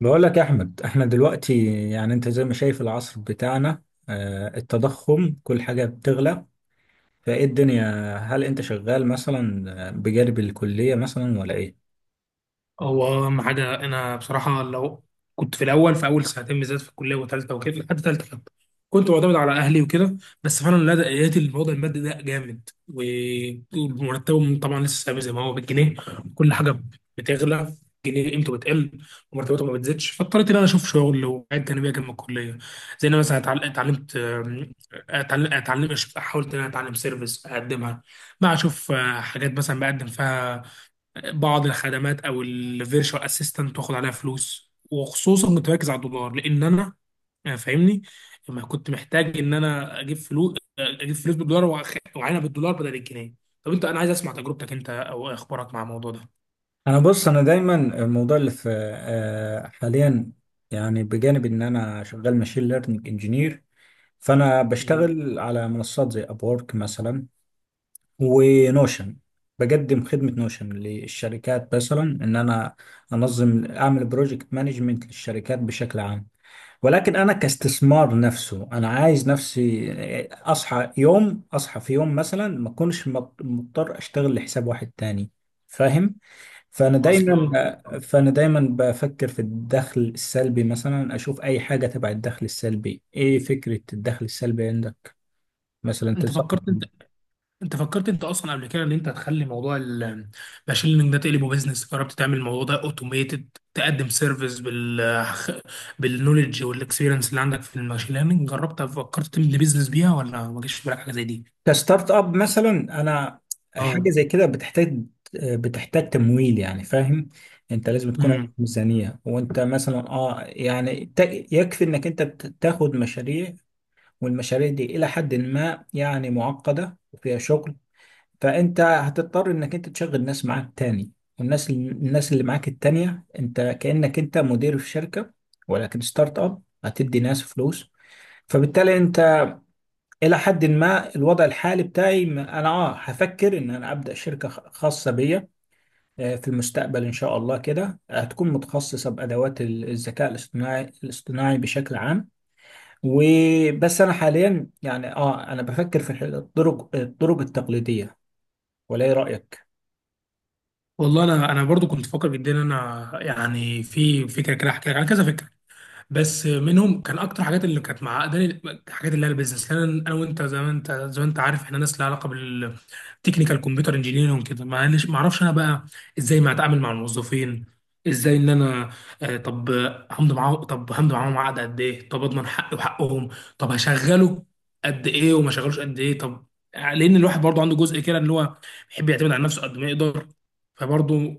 بقول لك يا احمد، احنا دلوقتي انت زي ما شايف العصر بتاعنا. التضخم، كل حاجة بتغلى فايه الدنيا. هل انت شغال مثلا بجانب الكلية مثلا ولا ايه؟ هو اهم حاجه، انا بصراحه لو كنت في اول سنتين بالذات في الكليه وثالثه وكده، لحد ثالثه كده كنت معتمد على اهلي وكده. بس فعلا لا، لقيت الوضع المادي ده جامد، ومرتبهم طبعا لسه ثابت زي ما هو بالجنيه. كل حاجه بتغلى، الجنيه قيمته بتقل، ومرتباته ما بتزيدش، فاضطريت ان انا اشوف شغل وحاجات جانبيه جنب الكليه. زي انا مثلا اتعلمت، حاولت ان انا اتعلم سيرفيس اقدمها. بقى اشوف حاجات، مثلا بقدم فيها بعض الخدمات او الفيرشوال اسيستنت، واخد عليها فلوس، وخصوصا كنت مركز على الدولار لان انا، فاهمني، لما كنت محتاج ان انا اجيب فلوس، اجيب فلوس بالدولار واعينها بالدولار بدل الجنيه. طب انت، انا عايز اسمع تجربتك انت او اخبارك مع الموضوع ده. انا بص، انا دايما الموضوع اللي في حاليا، بجانب ان انا شغال ماشين ليرنينج انجينير. فانا جميل، بشتغل على منصات زي ابورك مثلا، ونوشن. بقدم خدمة نوشن للشركات، مثلا ان انا انظم، اعمل بروجكت مانجمنت للشركات بشكل عام. ولكن انا كاستثمار نفسه، انا عايز نفسي اصحى في يوم مثلا ما اكونش مضطر اشتغل لحساب واحد تاني. فاهم؟ فانا واصله دايما لك. فانا دايما بفكر في الدخل السلبي. مثلا اشوف اي حاجه تبع الدخل السلبي. ايه فكره الدخل السلبي عندك مثلا؟ انت فكرت تنصحني انت فكرت انت اصلا قبل كده ان انت تخلي موضوع الماشين ليرنينج ده تقلبه بيزنس؟ جربت تعمل الموضوع ده اوتوميتد، تقدم سيرفيس بالنولج والاكسبيرينس اللي عندك في الماشين ليرنينج؟ جربت، فكرت تعمل بيزنس بيها، ولا ما جاش في بالك حاجه زي دي؟ كستارت اب مثلا؟ انا حاجه اه. زي كده بتحتاج تمويل. يعني فاهم، انت لازم تكون عندك امم ميزانيه، وانت مثلا يعني يكفي انك انت تاخد مشاريع، والمشاريع دي الى حد ما يعني معقده وفيها شغل. فانت هتضطر انك انت تشغل ناس معاك تاني. والناس، اللي معاك التانيه، انت كانك انت مدير في شركه، ولكن ستارت اب هتدي ناس فلوس. فبالتالي انت الى حد ما الوضع الحالي بتاعي انا هفكر ان انا ابدا شركه خاصه بيا في المستقبل ان شاء الله. كده هتكون متخصصه بادوات الذكاء الاصطناعي بشكل عام. وبس انا حاليا يعني انا بفكر في الطرق، التقليديه. ولا ايه رايك؟ والله انا، برضو كنت فاكر جدا ان انا يعني في فكره كده، احكي لك على كذا فكره. بس منهم كان اكتر حاجات اللي كانت معقداني الحاجات اللي هي البيزنس، لان انا وانت زي ما انت عارف، احنا ناس لها علاقه بالتكنيكال، كمبيوتر انجينيرنج وكده. معلش، ما اعرفش انا بقى ازاي ما اتعامل مع الموظفين، ازاي ان انا، طب همضي معاهم عقد قد ايه، طب اضمن حقي وحقهم، طب هشغله قد ايه وما شغلوش قد ايه، طب، لان الواحد برضه عنده جزء كده اللي هو بيحب يعتمد على نفسه قد ما يقدر. فبرضه،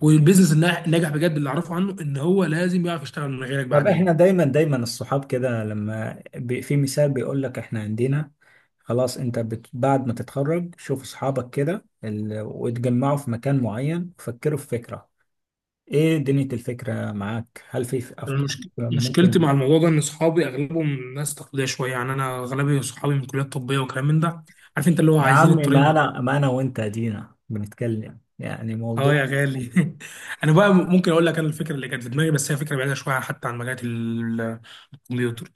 والبيزنس الناجح بجد اللي اعرفه عنه ان هو لازم يعرف يشتغل من غيرك طب احنا بعدين. دايما الصحاب كده لما في مثال بيقول لك احنا عندنا خلاص، انت بعد ما تتخرج شوف اصحابك كده، ال... وتجمعوا في مكان معين وفكروا في فكرة. ايه دنيا الفكرة معاك؟ هل في افكار مشكلتي مع ممكن؟ الموضوع ده ان صحابي اغلبهم ناس تقليديه شويه، يعني انا اغلبي صحابي من كليات طبيه وكلام من ده. عارف انت، اللي هو يا عايزين عم، الطريق ما المرسي. انا، وانت ادينا بنتكلم يعني موضوع. اه يا غالي انا بقى ممكن اقول لك انا الفكره اللي كانت في دماغي، بس هي فكره بعيده شويه حتى عن مجالات الكمبيوتر.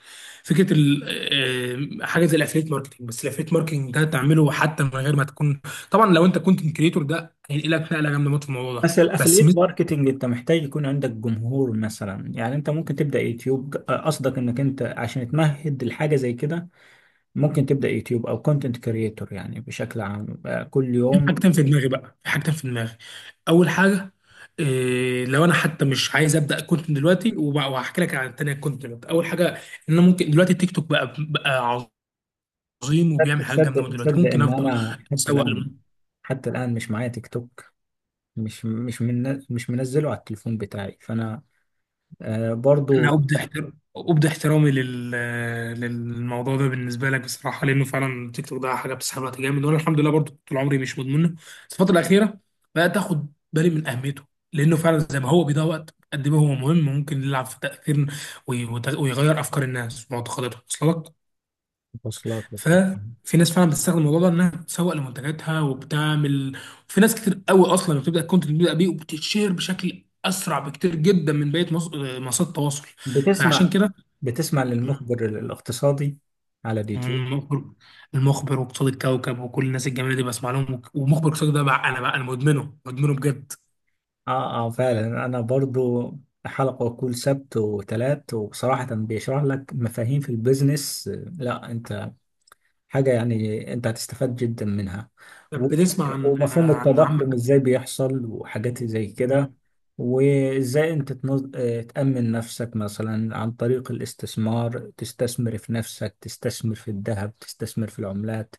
فكره ال... آه، حاجه زي الافليت ماركتنج. بس الافليت ماركتنج ده تعمله حتى من غير ما تكون، طبعا لو انت كنت كريتور ده هينقلك نقله جامده موت في الموضوع ده. بس بس الافليت ماركتنج انت محتاج يكون عندك جمهور مثلا. يعني انت ممكن تبدا يوتيوب. قصدك انك انت عشان تمهد لحاجه زي كده ممكن تبدا يوتيوب او كونتنت كريتور يعني بشكل عام كل يوم. في حاجتين في دماغي. اول حاجه، إيه لو انا حتى مش عايز ابدا كنت من دلوقتي، وهحكي لك عن التانيه. كنت دلوقتي اول حاجه ان انا ممكن دلوقتي التيك توك بقى عظيم، وبيعمل تصدق، حاجات جامده، من تصدق دلوقتي تصدق ممكن ان افضل انا حتى اسوق. الان، حتى الان مش معايا تيك توك. مش منزله على التليفون بتاعي. فانا برضو. انا ابدي احترامي للموضوع ده بالنسبه لك بصراحه، لانه فعلا التيك توك ده حاجه بتسحب وقت جامد، وانا الحمد لله برضو طول عمري مش مدمنه. بس الفتره الاخيره بقيت اخد بالي من اهميته، لانه فعلا زي ما هو بيضيع وقت، قد ما هو مهم ممكن يلعب في تاثير ويغير افكار الناس ومعتقداتهم. وصل لك؟ وصلت، وصلت. ففي ناس فعلا بتستخدم الموضوع ده انها تسوق لمنتجاتها وبتعمل، في ناس كتير قوي اصلا بتبدا الكونتنت بيبدا بيه، وبتتشير بشكل اسرع بكتير جدا من بقيه منصات التواصل. فعشان بتسمع، كده. بتسمع مم. للمخبر الاقتصادي على اليوتيوب؟ المخبر المخبر وقصاد الكوكب وكل الناس الجميله دي بسمع لهم، ومخبر قصاد ده بقى، انا مدمنه مدمنه بجد. اه اه، فعلا انا برضو. حلقة كل سبت وثلاث، وبصراحة بيشرح لك مفاهيم في البيزنس. لا، انت حاجة يعني انت هتستفاد جدا منها. و- طب بتسمع عن ومفهوم التضخم عمك؟ ازاي بيحصل وحاجات زي كده. مم. وازاي انت اه، تأمن نفسك مثلا عن طريق الاستثمار. تستثمر في نفسك، تستثمر في الذهب، تستثمر في العملات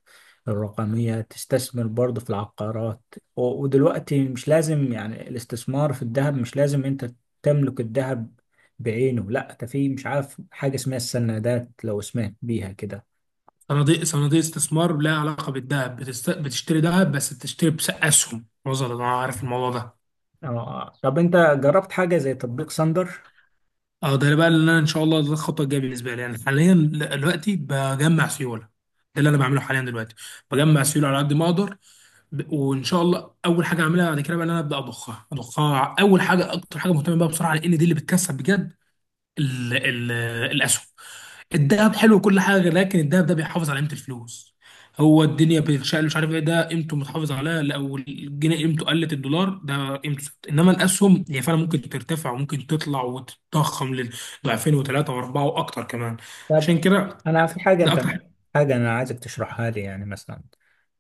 الرقمية، تستثمر برضه في العقارات. ودلوقتي مش لازم، يعني الاستثمار في الذهب مش لازم انت تملك الذهب بعينه. لا، ده في مش عارف حاجة اسمها السندات، لو سمعت بيها كده. صناديق استثمار لها علاقه بالذهب، بتشتري ذهب، بس بتشتري بس اسهم. وصل، انا عارف الموضوع ده. اه، طب انت جربت حاجة زي تطبيق ساندر؟ اه ده بقى اللي انا ان شاء الله، ده الخطوه الجايه بالنسبه لي، يعني حاليا دلوقتي بجمع سيوله. ده اللي انا بعمله حاليا دلوقتي، بجمع سيوله على قد ما اقدر، وان شاء الله اول حاجه اعملها بعد كده بقى ان انا ابدا اضخها. اول حاجه، اكتر حاجه مهتم بيها بصراحه لان دي اللي بتكسب بجد، ال ال الاسهم. الذهب حلو وكل حاجه، لكن الذهب ده بيحافظ على قيمه الفلوس. هو الدنيا بتشقلب مش عارف ايه، ده قيمته متحافظ عليها، لو الجنيه قيمته قلت الدولار ده قيمته ثابتة. انما الاسهم هي فعلا ممكن ترتفع وممكن تطلع وتتضخم لضعفين وثلاثه واربعه واكتر كمان. طب عشان كده انا في حاجة، ده انت اكتر حاجه. انا عايزك تشرحها لي. يعني مثلا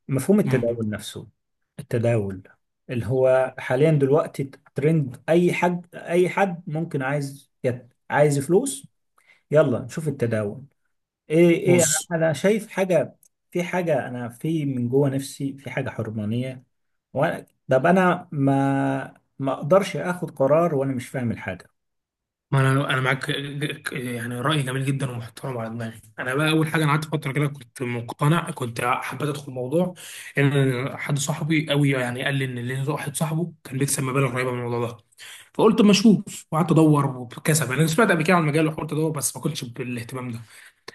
مفهوم مم. التداول نفسه. التداول اللي هو حاليا دلوقتي ترند. اي حد، ممكن عايز عايز فلوس، يلا نشوف التداول. ايه، ايه، بص، انا شايف حاجة. في حاجة انا في من جوه نفسي، في حاجة حرمانية. وانا طب انا ما اقدرش اخد قرار وانا مش فاهم الحاجة. ما انا معاك، يعني راي جميل جدا ومحترم على دماغي. انا بقى اول حاجه، انا قعدت فتره كده كنت مقتنع، كنت حبيت ادخل الموضوع ان حد صاحبي قوي يعني قال لي ان ليه واحد صاحبه كان بيكسب مبالغ رهيبه من الموضوع ده. فقلت ما اشوف، وقعدت ادور وكسب، يعني انا سمعت قبل كده عن المجال وحاولت ادور بس ما كنتش بالاهتمام ده.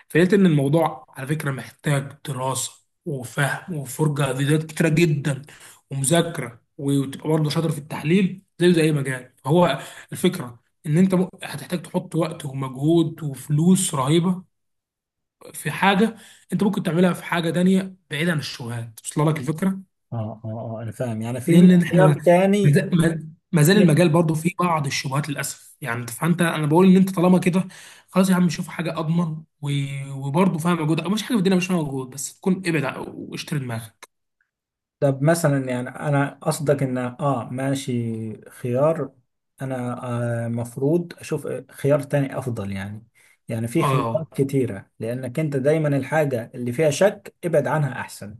فلقيت ان الموضوع على فكره محتاج دراسه وفهم وفرجه على فيديوهات كتيره جدا، ومذاكره، وتبقى برضه شاطر في التحليل زيه زي اي مجال. هو الفكره ان انت هتحتاج تحط وقت ومجهود وفلوس رهيبه في حاجه، انت ممكن تعملها في حاجه تانيه بعيد عن الشغلات. وصل لك الفكره؟ اه اه اه، انا فاهم. يعني في 100 لان احنا، خيار تاني، ما في زال 100. المجال برضه فيه بعض الشبهات للاسف، يعني فانت، انا بقول ان انت طالما كده خلاص يا عم شوف حاجه اضمن، وبرضه فيها مجهود. مفيش حاجه في الدنيا مش فيها مجهود، بس تكون ابعد واشتري دماغك. طب مثلا، يعني انا قصدك ان اه ماشي، خيار. انا آه مفروض اشوف خيار تاني افضل يعني. يعني في خيارات اه، كتيرة، لانك انت دايما الحاجة اللي فيها شك ابعد عنها احسن.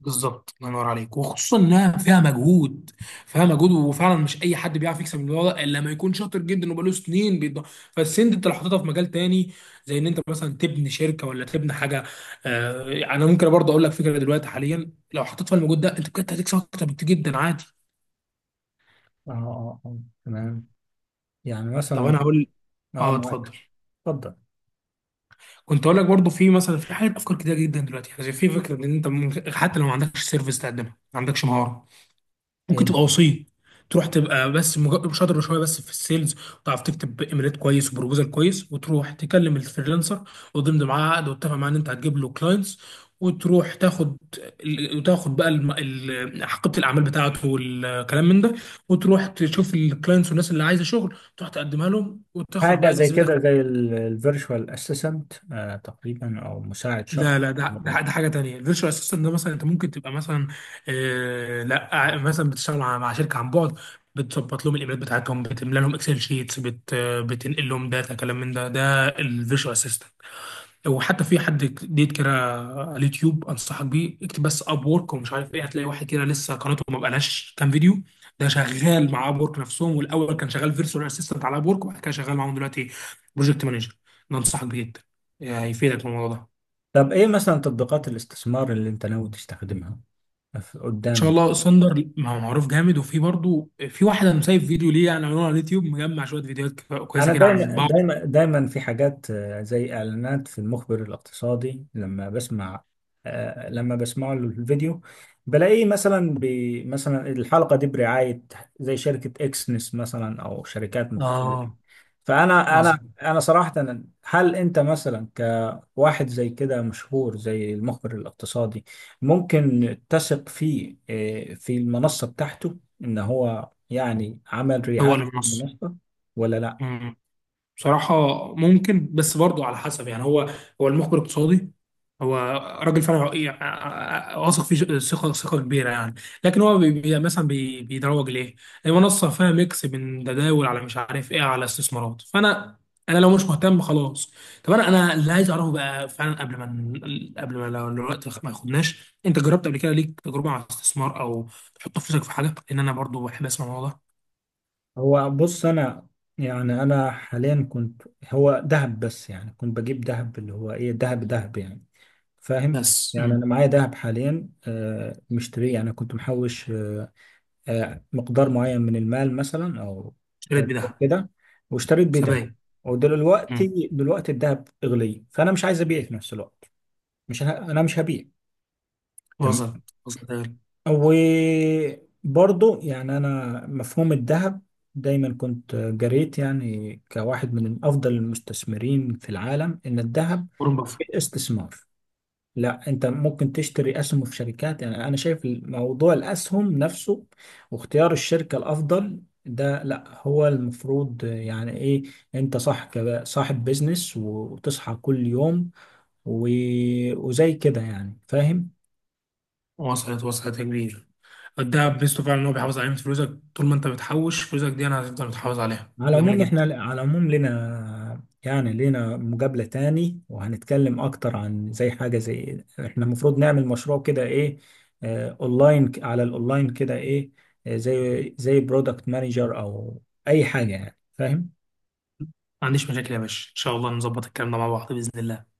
بالظبط الله ينور عليك، وخصوصا انها فيها مجهود، فيها مجهود. وفعلا مش اي حد بيعرف يكسب الموضوع ده الا لما يكون شاطر جدا وبقاله سنين بيض. فالسن دي انت لو حطيتها في مجال تاني زي ان انت مثلا تبني شركه ولا تبني حاجه. آه، انا ممكن برضه اقول لك فكره دلوقتي، حاليا لو حطيت فيها المجهود ده انت بجد هتكسب اكتر بكتير جدا عادي. اه اه اه، تمام. يعني طب مثلا انا هقول، اه اه معاك، اتفضل. اتفضل. كنت اقول لك برضه في مثلا، في حاجات، افكار كتير جدا دلوقتي يعني. في فكره ان انت حتى لو ما عندكش سيرفيس تقدمها، ما عندكش مهاره، ممكن إيه، تبقى وسيط. تروح تبقى بس شاطر شويه بس في السيلز، وتعرف تكتب ايميلات كويس وبروبوزال كويس، وتروح تكلم الفريلانسر وتضمن معاه عقد، وتتفق معاه ان انت هتجيب له كلاينتس. وتروح تاخد وتاخد بقى حقيبه الاعمال بتاعته والكلام من ده، وتروح تشوف الكلاينتس والناس اللي عايزه شغل تروح تقدمها لهم وتاخد حاجة بقى زي نسبتك. كده، زي الفيرتشوال اسيستنت، تقريبا، او مساعد شخص. لا لا، ده ده حاجه تانية. الفيرتشوال اسيستنت ده مثلا انت ممكن تبقى مثلا، آه لا، مثلا بتشتغل مع شركه عن بعد، بتظبط لهم الايميلات بتاعتهم، بتملى لهم اكسل شيتس، بت آه، بتنقل لهم داتا، كلام من ده، ده الفيرتشوال اسيستنت. وحتى في حد ديت كده على اليوتيوب انصحك بيه، اكتب بس اب وورك ومش عارف ايه، هتلاقي واحد كده لسه قناته ما بقالهاش كام فيديو. ده شغال مع اب وورك نفسهم، والاول كان شغال فيرتشوال اسيستنت على اب وورك، وبعد كده شغال معاهم دلوقتي بروجكت مانجر. ده انصحك بيه جدا، يعني هيفيدك في الموضوع ده. طب ايه مثلا تطبيقات الاستثمار اللي انت ناوي تستخدمها؟ في- شاء قدامي الله سندر ما هو معروف جامد، وفي برضه في واحد انا مسايب فيديو ليه، يعني عاملينه على اليوتيوب مجمع شويه فيديوهات انا كويسه كده عن دايما بعض. دايما دايما في حاجات زي اعلانات في المخبر الاقتصادي. لما بسمع لما بسمع له الفيديو بلاقيه مثلا مثلا الحلقة دي برعاية زي شركة اكسنس مثلا، او شركات مختلفة. اه فانا، انا واثق. انا صراحة هل انت مثلا واحد زي كده مشهور زي المخبر الاقتصادي ممكن تثق فيه في المنصة بتاعته، ان هو يعني عمل هو رعاية اللي بنص المنصة ولا لا؟ بصراحة ممكن، بس برضه على حسب. يعني هو، هو المخبر الاقتصادي هو راجل فعلا يعني، واثق فيه ثقة ثقة كبيرة يعني. لكن هو بي بي- مثلا بي بيدروج ليه؟ هي منصة فيها ميكس من تداول على مش عارف ايه، على استثمارات. فأنا، لو مش مهتم خلاص. طب أنا اللي عايز أعرفه بقى فعلا قبل ما قبل ما لو الوقت ما ياخدناش. أنت جربت قبل كده ليك تجربة على استثمار، أو تحط فلوسك في حاجة؟ لأن أنا برضه بحب أسمع الموضوع ده. هو بص، انا يعني انا حاليا كنت هو ذهب بس. يعني كنت بجيب ذهب، اللي هو ايه، ذهب، ذهب يعني. فاهم؟ بس. يعني مم. انا معايا ذهب حاليا مشتريه. يعني كنت محوش مقدار معين من المال مثلا، او اشتريت أو بدهب. كده، واشتريت بيه دهب. سبايك. امم. ودلوقتي، دلوقتي الدهب اغلي، فانا مش عايز ابيع في نفس الوقت. مش ه... انا مش هبيع. تمام. وصلت، وصلت يا- غالي. وبرضه يعني انا مفهوم الذهب دايما كنت جريت، يعني كواحد من افضل المستثمرين في العالم، ان الذهب قرون بفر. استثمار. لا، انت ممكن تشتري اسهم في شركات. يعني انا شايف موضوع الاسهم نفسه، واختيار الشركة الافضل ده، لا هو المفروض يعني ايه انت صح كده صاحب بيزنس وتصحى كل يوم وزي كده. يعني فاهم؟ وصلت، وصلت يا كبير. الدهب ميزته فعلا ان هو بيحافظ على قيمه فلوسك، طول ما انت بتحوش فلوسك دي انا هتفضل متحافظ عليها، على جميل العموم احنا، جدا. على العموم لنا، يعني لنا مقابلة تاني، وهنتكلم اكتر عن زي حاجة زي احنا المفروض نعمل مشروع كده ايه، اه، اونلاين، على الاونلاين كده ايه زي برودكت مانجر او اي حاجة. يعني فاهم؟ ما عنديش مشاكل يا باشا، ان شاء الله نظبط الكلام ده مع بعض باذن الله.